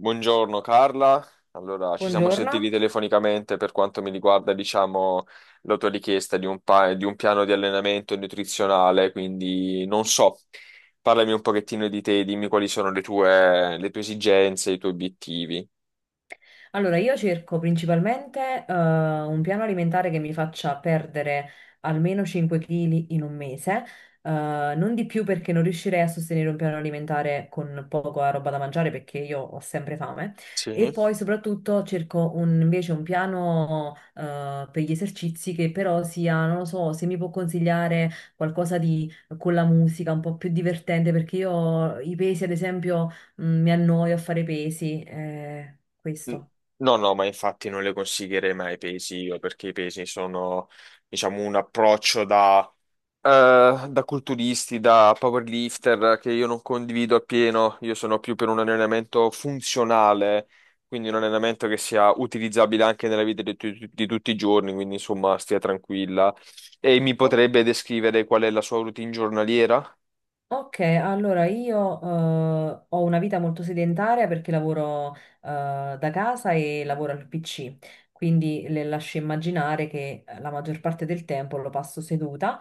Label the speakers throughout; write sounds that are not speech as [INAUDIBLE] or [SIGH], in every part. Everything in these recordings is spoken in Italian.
Speaker 1: Buongiorno Carla, allora ci siamo sentiti
Speaker 2: Buongiorno.
Speaker 1: telefonicamente per quanto mi riguarda, diciamo, la tua richiesta di di un piano di allenamento nutrizionale, quindi non so, parlami un pochettino di te, dimmi quali sono le tue esigenze, i tuoi obiettivi.
Speaker 2: Allora, io cerco principalmente un piano alimentare che mi faccia perdere almeno 5 kg in un mese, eh, non di più perché non riuscirei a sostenere un piano alimentare con poca roba da mangiare perché io ho sempre fame. E
Speaker 1: Sì.
Speaker 2: poi soprattutto cerco invece un piano per gli esercizi che però sia, non lo so, se mi può consigliare qualcosa di con la musica un po' più divertente perché io i pesi, ad esempio, mi annoio a fare pesi. Questo.
Speaker 1: No, no, ma infatti non le consiglierei mai i pesi io, perché i pesi sono, diciamo, un approccio da culturisti, da powerlifter che io non condivido appieno, io sono più per un allenamento funzionale, quindi un allenamento che sia utilizzabile anche nella vita di tutti i giorni, quindi insomma stia tranquilla. E mi
Speaker 2: O-
Speaker 1: potrebbe descrivere qual è la sua routine giornaliera?
Speaker 2: Ok, allora io ho una vita molto sedentaria perché lavoro da casa e lavoro al PC, quindi le lascio immaginare che la maggior parte del tempo lo passo seduta.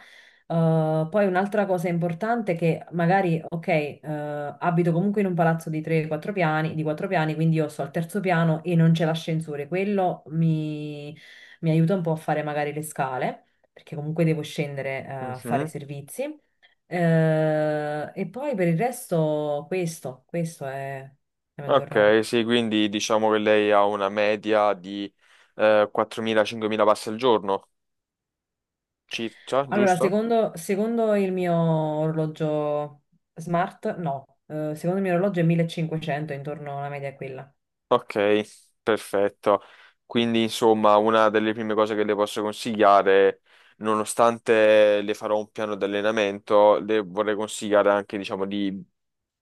Speaker 2: Poi un'altra cosa importante è che magari, ok, abito comunque in un palazzo di 3-4 piani, di 4 piani, quindi io sto al terzo piano e non c'è l'ascensore. Quello mi aiuta un po' a fare magari le scale, perché comunque devo scendere a fare
Speaker 1: Mhm.
Speaker 2: servizi. E poi per il resto, questo è la mia giornata.
Speaker 1: Ok, sì, quindi diciamo che lei ha una media di 4.000-5.000 passi al giorno, circa,
Speaker 2: Allora,
Speaker 1: giusto?
Speaker 2: secondo il mio orologio smart, no, secondo il mio orologio è 1500, intorno alla media è quella.
Speaker 1: Ok, perfetto. Quindi, insomma, una delle prime cose che le posso consigliare, nonostante le farò un piano di allenamento, le vorrei consigliare anche, diciamo, di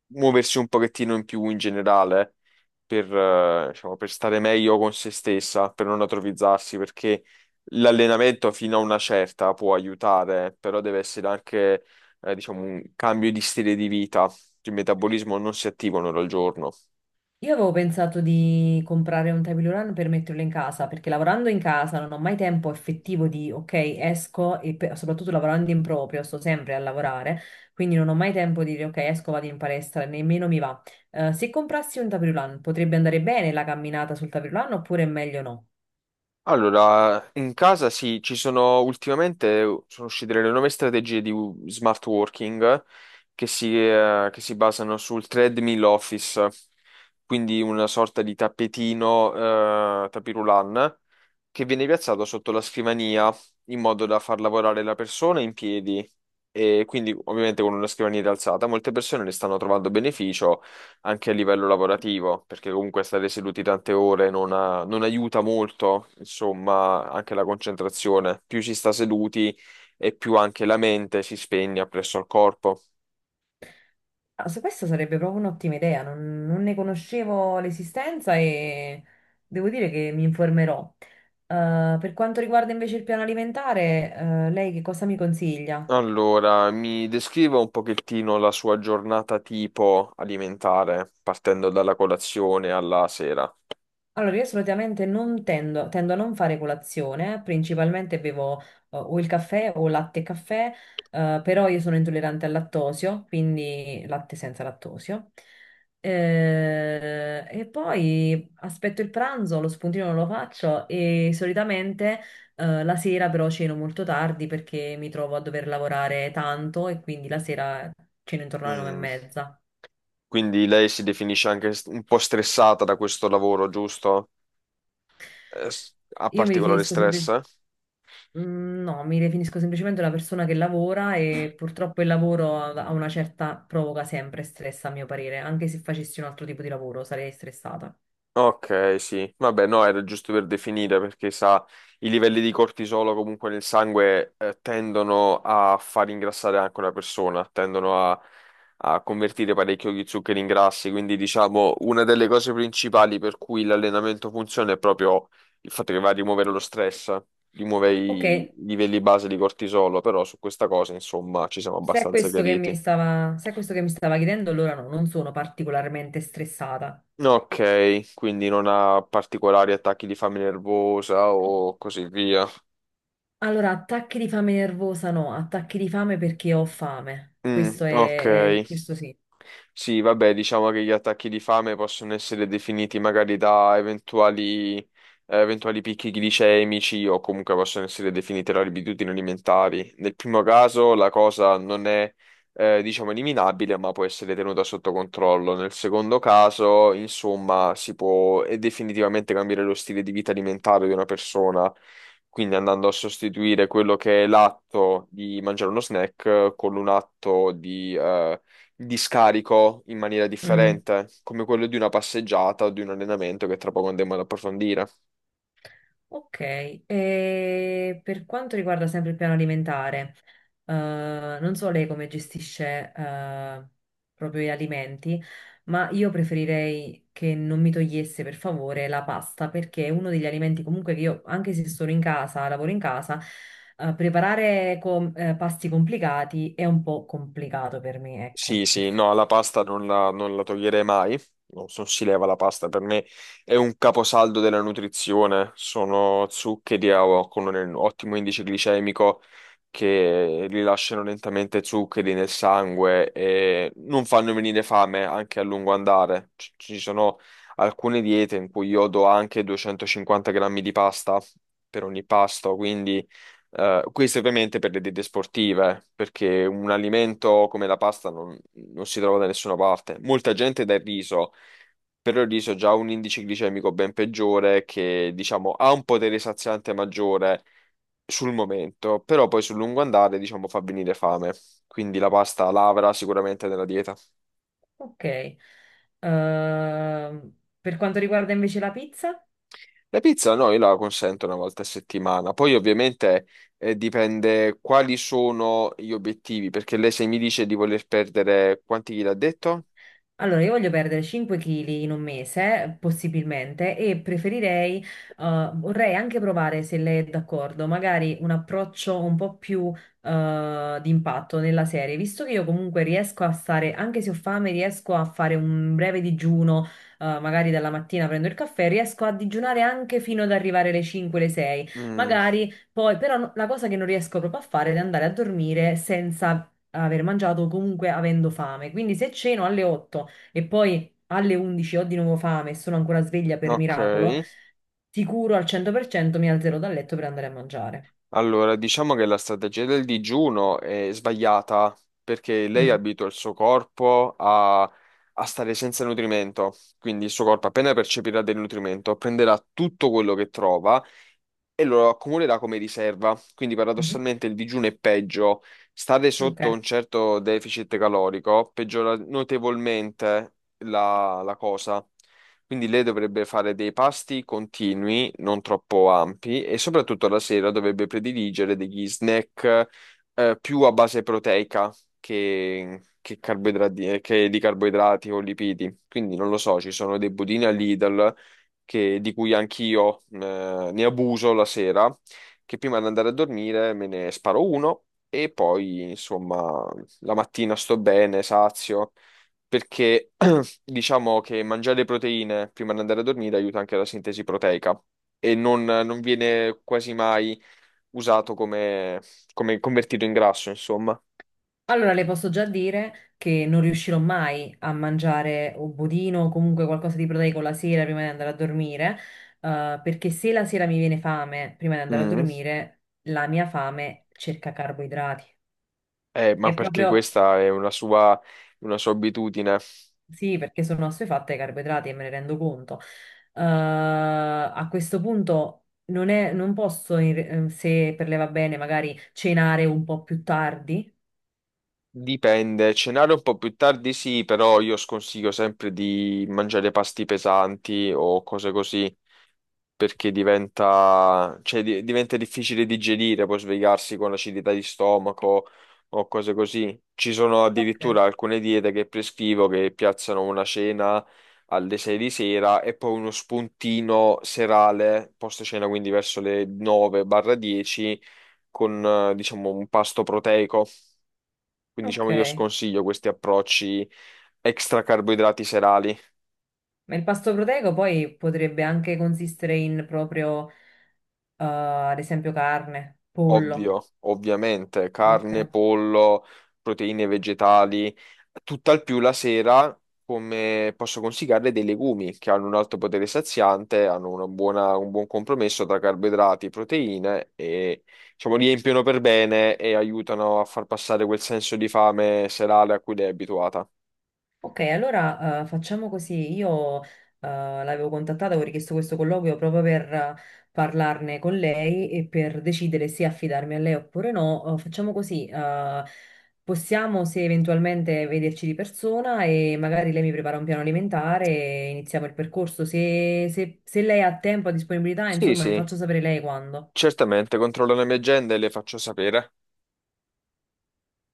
Speaker 1: muoversi un pochettino in più in generale per, diciamo, per stare meglio con se stessa, per non atrofizzarsi, perché l'allenamento fino a una certa può aiutare, però deve essere anche, diciamo, un cambio di stile di vita. Il metabolismo non si attiva un'ora al giorno.
Speaker 2: Io avevo pensato di comprare un table run per metterlo in casa, perché lavorando in casa non ho mai tempo effettivo di, ok, esco e soprattutto lavorando in proprio, sto sempre a lavorare, quindi non ho mai tempo di dire, ok, esco, vado in palestra, nemmeno mi va. Se comprassi un table run, potrebbe andare bene la camminata sul table run oppure è meglio no?
Speaker 1: Allora, in casa sì, ci sono ultimamente sono uscite le nuove strategie di smart working che che si basano sul treadmill office, quindi una sorta di tappetino, tapis roulant che viene piazzato sotto la scrivania in modo da far lavorare la persona in piedi e quindi ovviamente con una scrivania rialzata molte persone ne stanno trovando beneficio anche a livello lavorativo perché comunque stare seduti tante ore non aiuta molto insomma anche la concentrazione più si sta seduti e più anche la mente si spegne presso al corpo.
Speaker 2: Ah, su questo sarebbe proprio un'ottima idea, non ne conoscevo l'esistenza e devo dire che mi informerò. Per quanto riguarda invece il piano alimentare, lei che cosa mi consiglia?
Speaker 1: Allora, mi descriva un pochettino la sua giornata tipo alimentare, partendo dalla colazione alla sera.
Speaker 2: Allora, io solitamente non tendo, tendo a non fare colazione, principalmente bevo o il caffè o latte e caffè, però io sono intollerante al lattosio, quindi latte senza lattosio. E poi aspetto il pranzo, lo spuntino non lo faccio e solitamente la sera però ceno molto tardi perché mi trovo a dover lavorare tanto e quindi la sera ceno intorno alle nove e
Speaker 1: Mm.
Speaker 2: mezza.
Speaker 1: Quindi lei si definisce anche un po' stressata da questo lavoro, giusto? Ha
Speaker 2: Io mi
Speaker 1: particolare
Speaker 2: definisco
Speaker 1: stress?
Speaker 2: semplicemente... Mm, No, mi definisco semplicemente una persona che lavora e purtroppo il lavoro ha una certa provoca sempre stress, a mio parere. Anche se facessi un altro tipo di lavoro sarei stressata.
Speaker 1: Ok, sì. Vabbè, no, era giusto per definire perché sa, i livelli di cortisolo comunque nel sangue tendono a far ingrassare anche una persona, a convertire parecchio gli zuccheri in grassi. Quindi, diciamo, una delle cose principali per cui l'allenamento funziona è proprio il fatto che va a rimuovere lo stress, rimuove
Speaker 2: Ok,
Speaker 1: i livelli base di cortisolo. Però su questa cosa, insomma, ci siamo
Speaker 2: se è
Speaker 1: abbastanza
Speaker 2: questo che mi
Speaker 1: chiariti.
Speaker 2: stava, se è questo che mi stava chiedendo, allora no, non sono particolarmente stressata.
Speaker 1: Ok, quindi non ha particolari attacchi di fame nervosa o così via.
Speaker 2: Allora, attacchi di fame nervosa no, attacchi di fame perché ho fame.
Speaker 1: Mm,
Speaker 2: Questo
Speaker 1: ok.
Speaker 2: Questo sì.
Speaker 1: Sì, vabbè, diciamo che gli attacchi di fame possono essere definiti magari da eventuali picchi glicemici o comunque possono essere definite da abitudini alimentari. Nel primo caso la cosa non è, diciamo, eliminabile, ma può essere tenuta sotto controllo. Nel secondo caso, insomma, si può definitivamente cambiare lo stile di vita alimentare di una persona. Quindi andando a sostituire quello che è l'atto di mangiare uno snack con un atto di scarico in maniera
Speaker 2: Mm.
Speaker 1: differente, come quello di una passeggiata o di un allenamento che tra poco andremo ad approfondire.
Speaker 2: Ok, e per quanto riguarda sempre il piano alimentare, eh, non so lei come gestisce, proprio gli alimenti, ma io preferirei che non mi togliesse per favore la pasta, perché è uno degli alimenti comunque che io, anche se sono in casa, lavoro in casa, preparare pasti complicati è un po' complicato per me,
Speaker 1: Sì,
Speaker 2: ecco, per
Speaker 1: sì, no,
Speaker 2: favore.
Speaker 1: la pasta non la, non la toglierei mai, non si leva la pasta, per me è un caposaldo della nutrizione, sono zuccheri con un ottimo indice glicemico che rilasciano lentamente zuccheri nel sangue e non fanno venire fame anche a lungo andare. Ci sono alcune diete in cui io do anche 250 grammi di pasta per ogni pasto, quindi... questo ovviamente per le diete sportive, perché un alimento come la pasta non si trova da nessuna parte. Molta gente dà il riso, però il riso ha già un indice glicemico ben peggiore che, diciamo, ha un potere saziante maggiore sul momento, però poi sul lungo andare, diciamo, fa venire fame. Quindi la pasta lavora sicuramente nella dieta.
Speaker 2: Ok. Per quanto riguarda invece la pizza?
Speaker 1: La pizza no, io la consento una volta a settimana, poi ovviamente dipende quali sono gli obiettivi, perché lei se mi dice di voler perdere quanti chili ha detto?
Speaker 2: Allora, io voglio perdere 5 kg in un mese, possibilmente, e preferirei, vorrei anche provare, se lei è d'accordo, magari un approccio un po' più, di impatto nella serie, visto che io comunque riesco a stare, anche se ho fame, riesco a fare un breve digiuno, magari dalla mattina prendo il caffè, riesco a digiunare anche fino ad arrivare alle 5, alle 6,
Speaker 1: Mm,
Speaker 2: magari poi, però la cosa che non riesco proprio a fare è andare a dormire senza aver mangiato o comunque avendo fame, quindi se ceno alle 8 e poi alle 11 ho di nuovo fame e sono ancora sveglia per
Speaker 1: ok,
Speaker 2: miracolo, sicuro al 100% mi alzerò dal letto per andare a mangiare.
Speaker 1: allora diciamo che la strategia del digiuno è sbagliata, perché lei
Speaker 2: Mm.
Speaker 1: abitua il suo corpo a stare senza nutrimento, quindi il suo corpo appena percepirà del nutrimento prenderà tutto quello che trova e lo accumulerà come riserva. Quindi
Speaker 2: Mhm.
Speaker 1: paradossalmente il digiuno è peggio. Stare
Speaker 2: Ok.
Speaker 1: sotto un certo deficit calorico peggiora notevolmente la cosa. Quindi lei dovrebbe fare dei pasti continui, non troppo ampi, e soprattutto la sera dovrebbe prediligere degli snack più a base proteica che carboidrati, che di carboidrati o lipidi. Quindi non lo so, ci sono dei budini a Lidl che- di cui anch'io ne abuso la sera, che prima di andare a dormire me ne sparo uno e poi, insomma, la mattina sto bene, sazio, perché [CLEARS THROAT] diciamo che mangiare proteine prima di andare a dormire aiuta anche la sintesi proteica. E non viene quasi mai usato come, come convertito in grasso, insomma.
Speaker 2: Allora le posso già dire che non riuscirò mai a mangiare un budino o comunque qualcosa di proteico la sera prima di andare a dormire, perché se la sera mi viene fame prima di andare a
Speaker 1: Mm.
Speaker 2: dormire, la mia fame cerca carboidrati.
Speaker 1: Ma
Speaker 2: È
Speaker 1: perché
Speaker 2: proprio
Speaker 1: questa è una una sua abitudine.
Speaker 2: Sì, perché sono assuefatte ai carboidrati e me ne rendo conto. A questo punto non posso, se per lei va bene, magari cenare un po' più tardi.
Speaker 1: Dipende, cenare un po' più tardi sì, però io sconsiglio sempre di mangiare pasti pesanti o cose così, perché diventa difficile digerire, poi svegliarsi con acidità di stomaco o cose così. Ci sono
Speaker 2: Ok.
Speaker 1: addirittura alcune diete che prescrivo che piazzano una cena alle 6 di sera e poi uno spuntino serale, post cena quindi verso le 9-10, con diciamo un pasto proteico. Quindi
Speaker 2: Ok,
Speaker 1: diciamo io sconsiglio questi approcci extra carboidrati serali,
Speaker 2: ma il pasto proteico poi potrebbe anche consistere in proprio, ad esempio, carne, pollo.
Speaker 1: ovvio, ovviamente,
Speaker 2: Ok.
Speaker 1: carne, pollo, proteine vegetali, tutt'al più la sera come posso consigliarle dei legumi che hanno un alto potere saziante, hanno una un buon compromesso tra carboidrati, proteine e diciamo riempiono per bene e aiutano a far passare quel senso di fame serale a cui lei è abituata.
Speaker 2: Ok, allora facciamo così. Io l'avevo contattata, avevo richiesto questo colloquio proprio per parlarne con lei e per decidere se affidarmi a lei oppure no. Facciamo così, possiamo se eventualmente vederci di persona e magari lei mi prepara un piano alimentare e iniziamo il percorso. Se lei ha tempo, ha disponibilità,
Speaker 1: Sì,
Speaker 2: insomma, mi
Speaker 1: sì,
Speaker 2: faccio sapere lei quando.
Speaker 1: certamente, controllo le mie agende e le faccio sapere.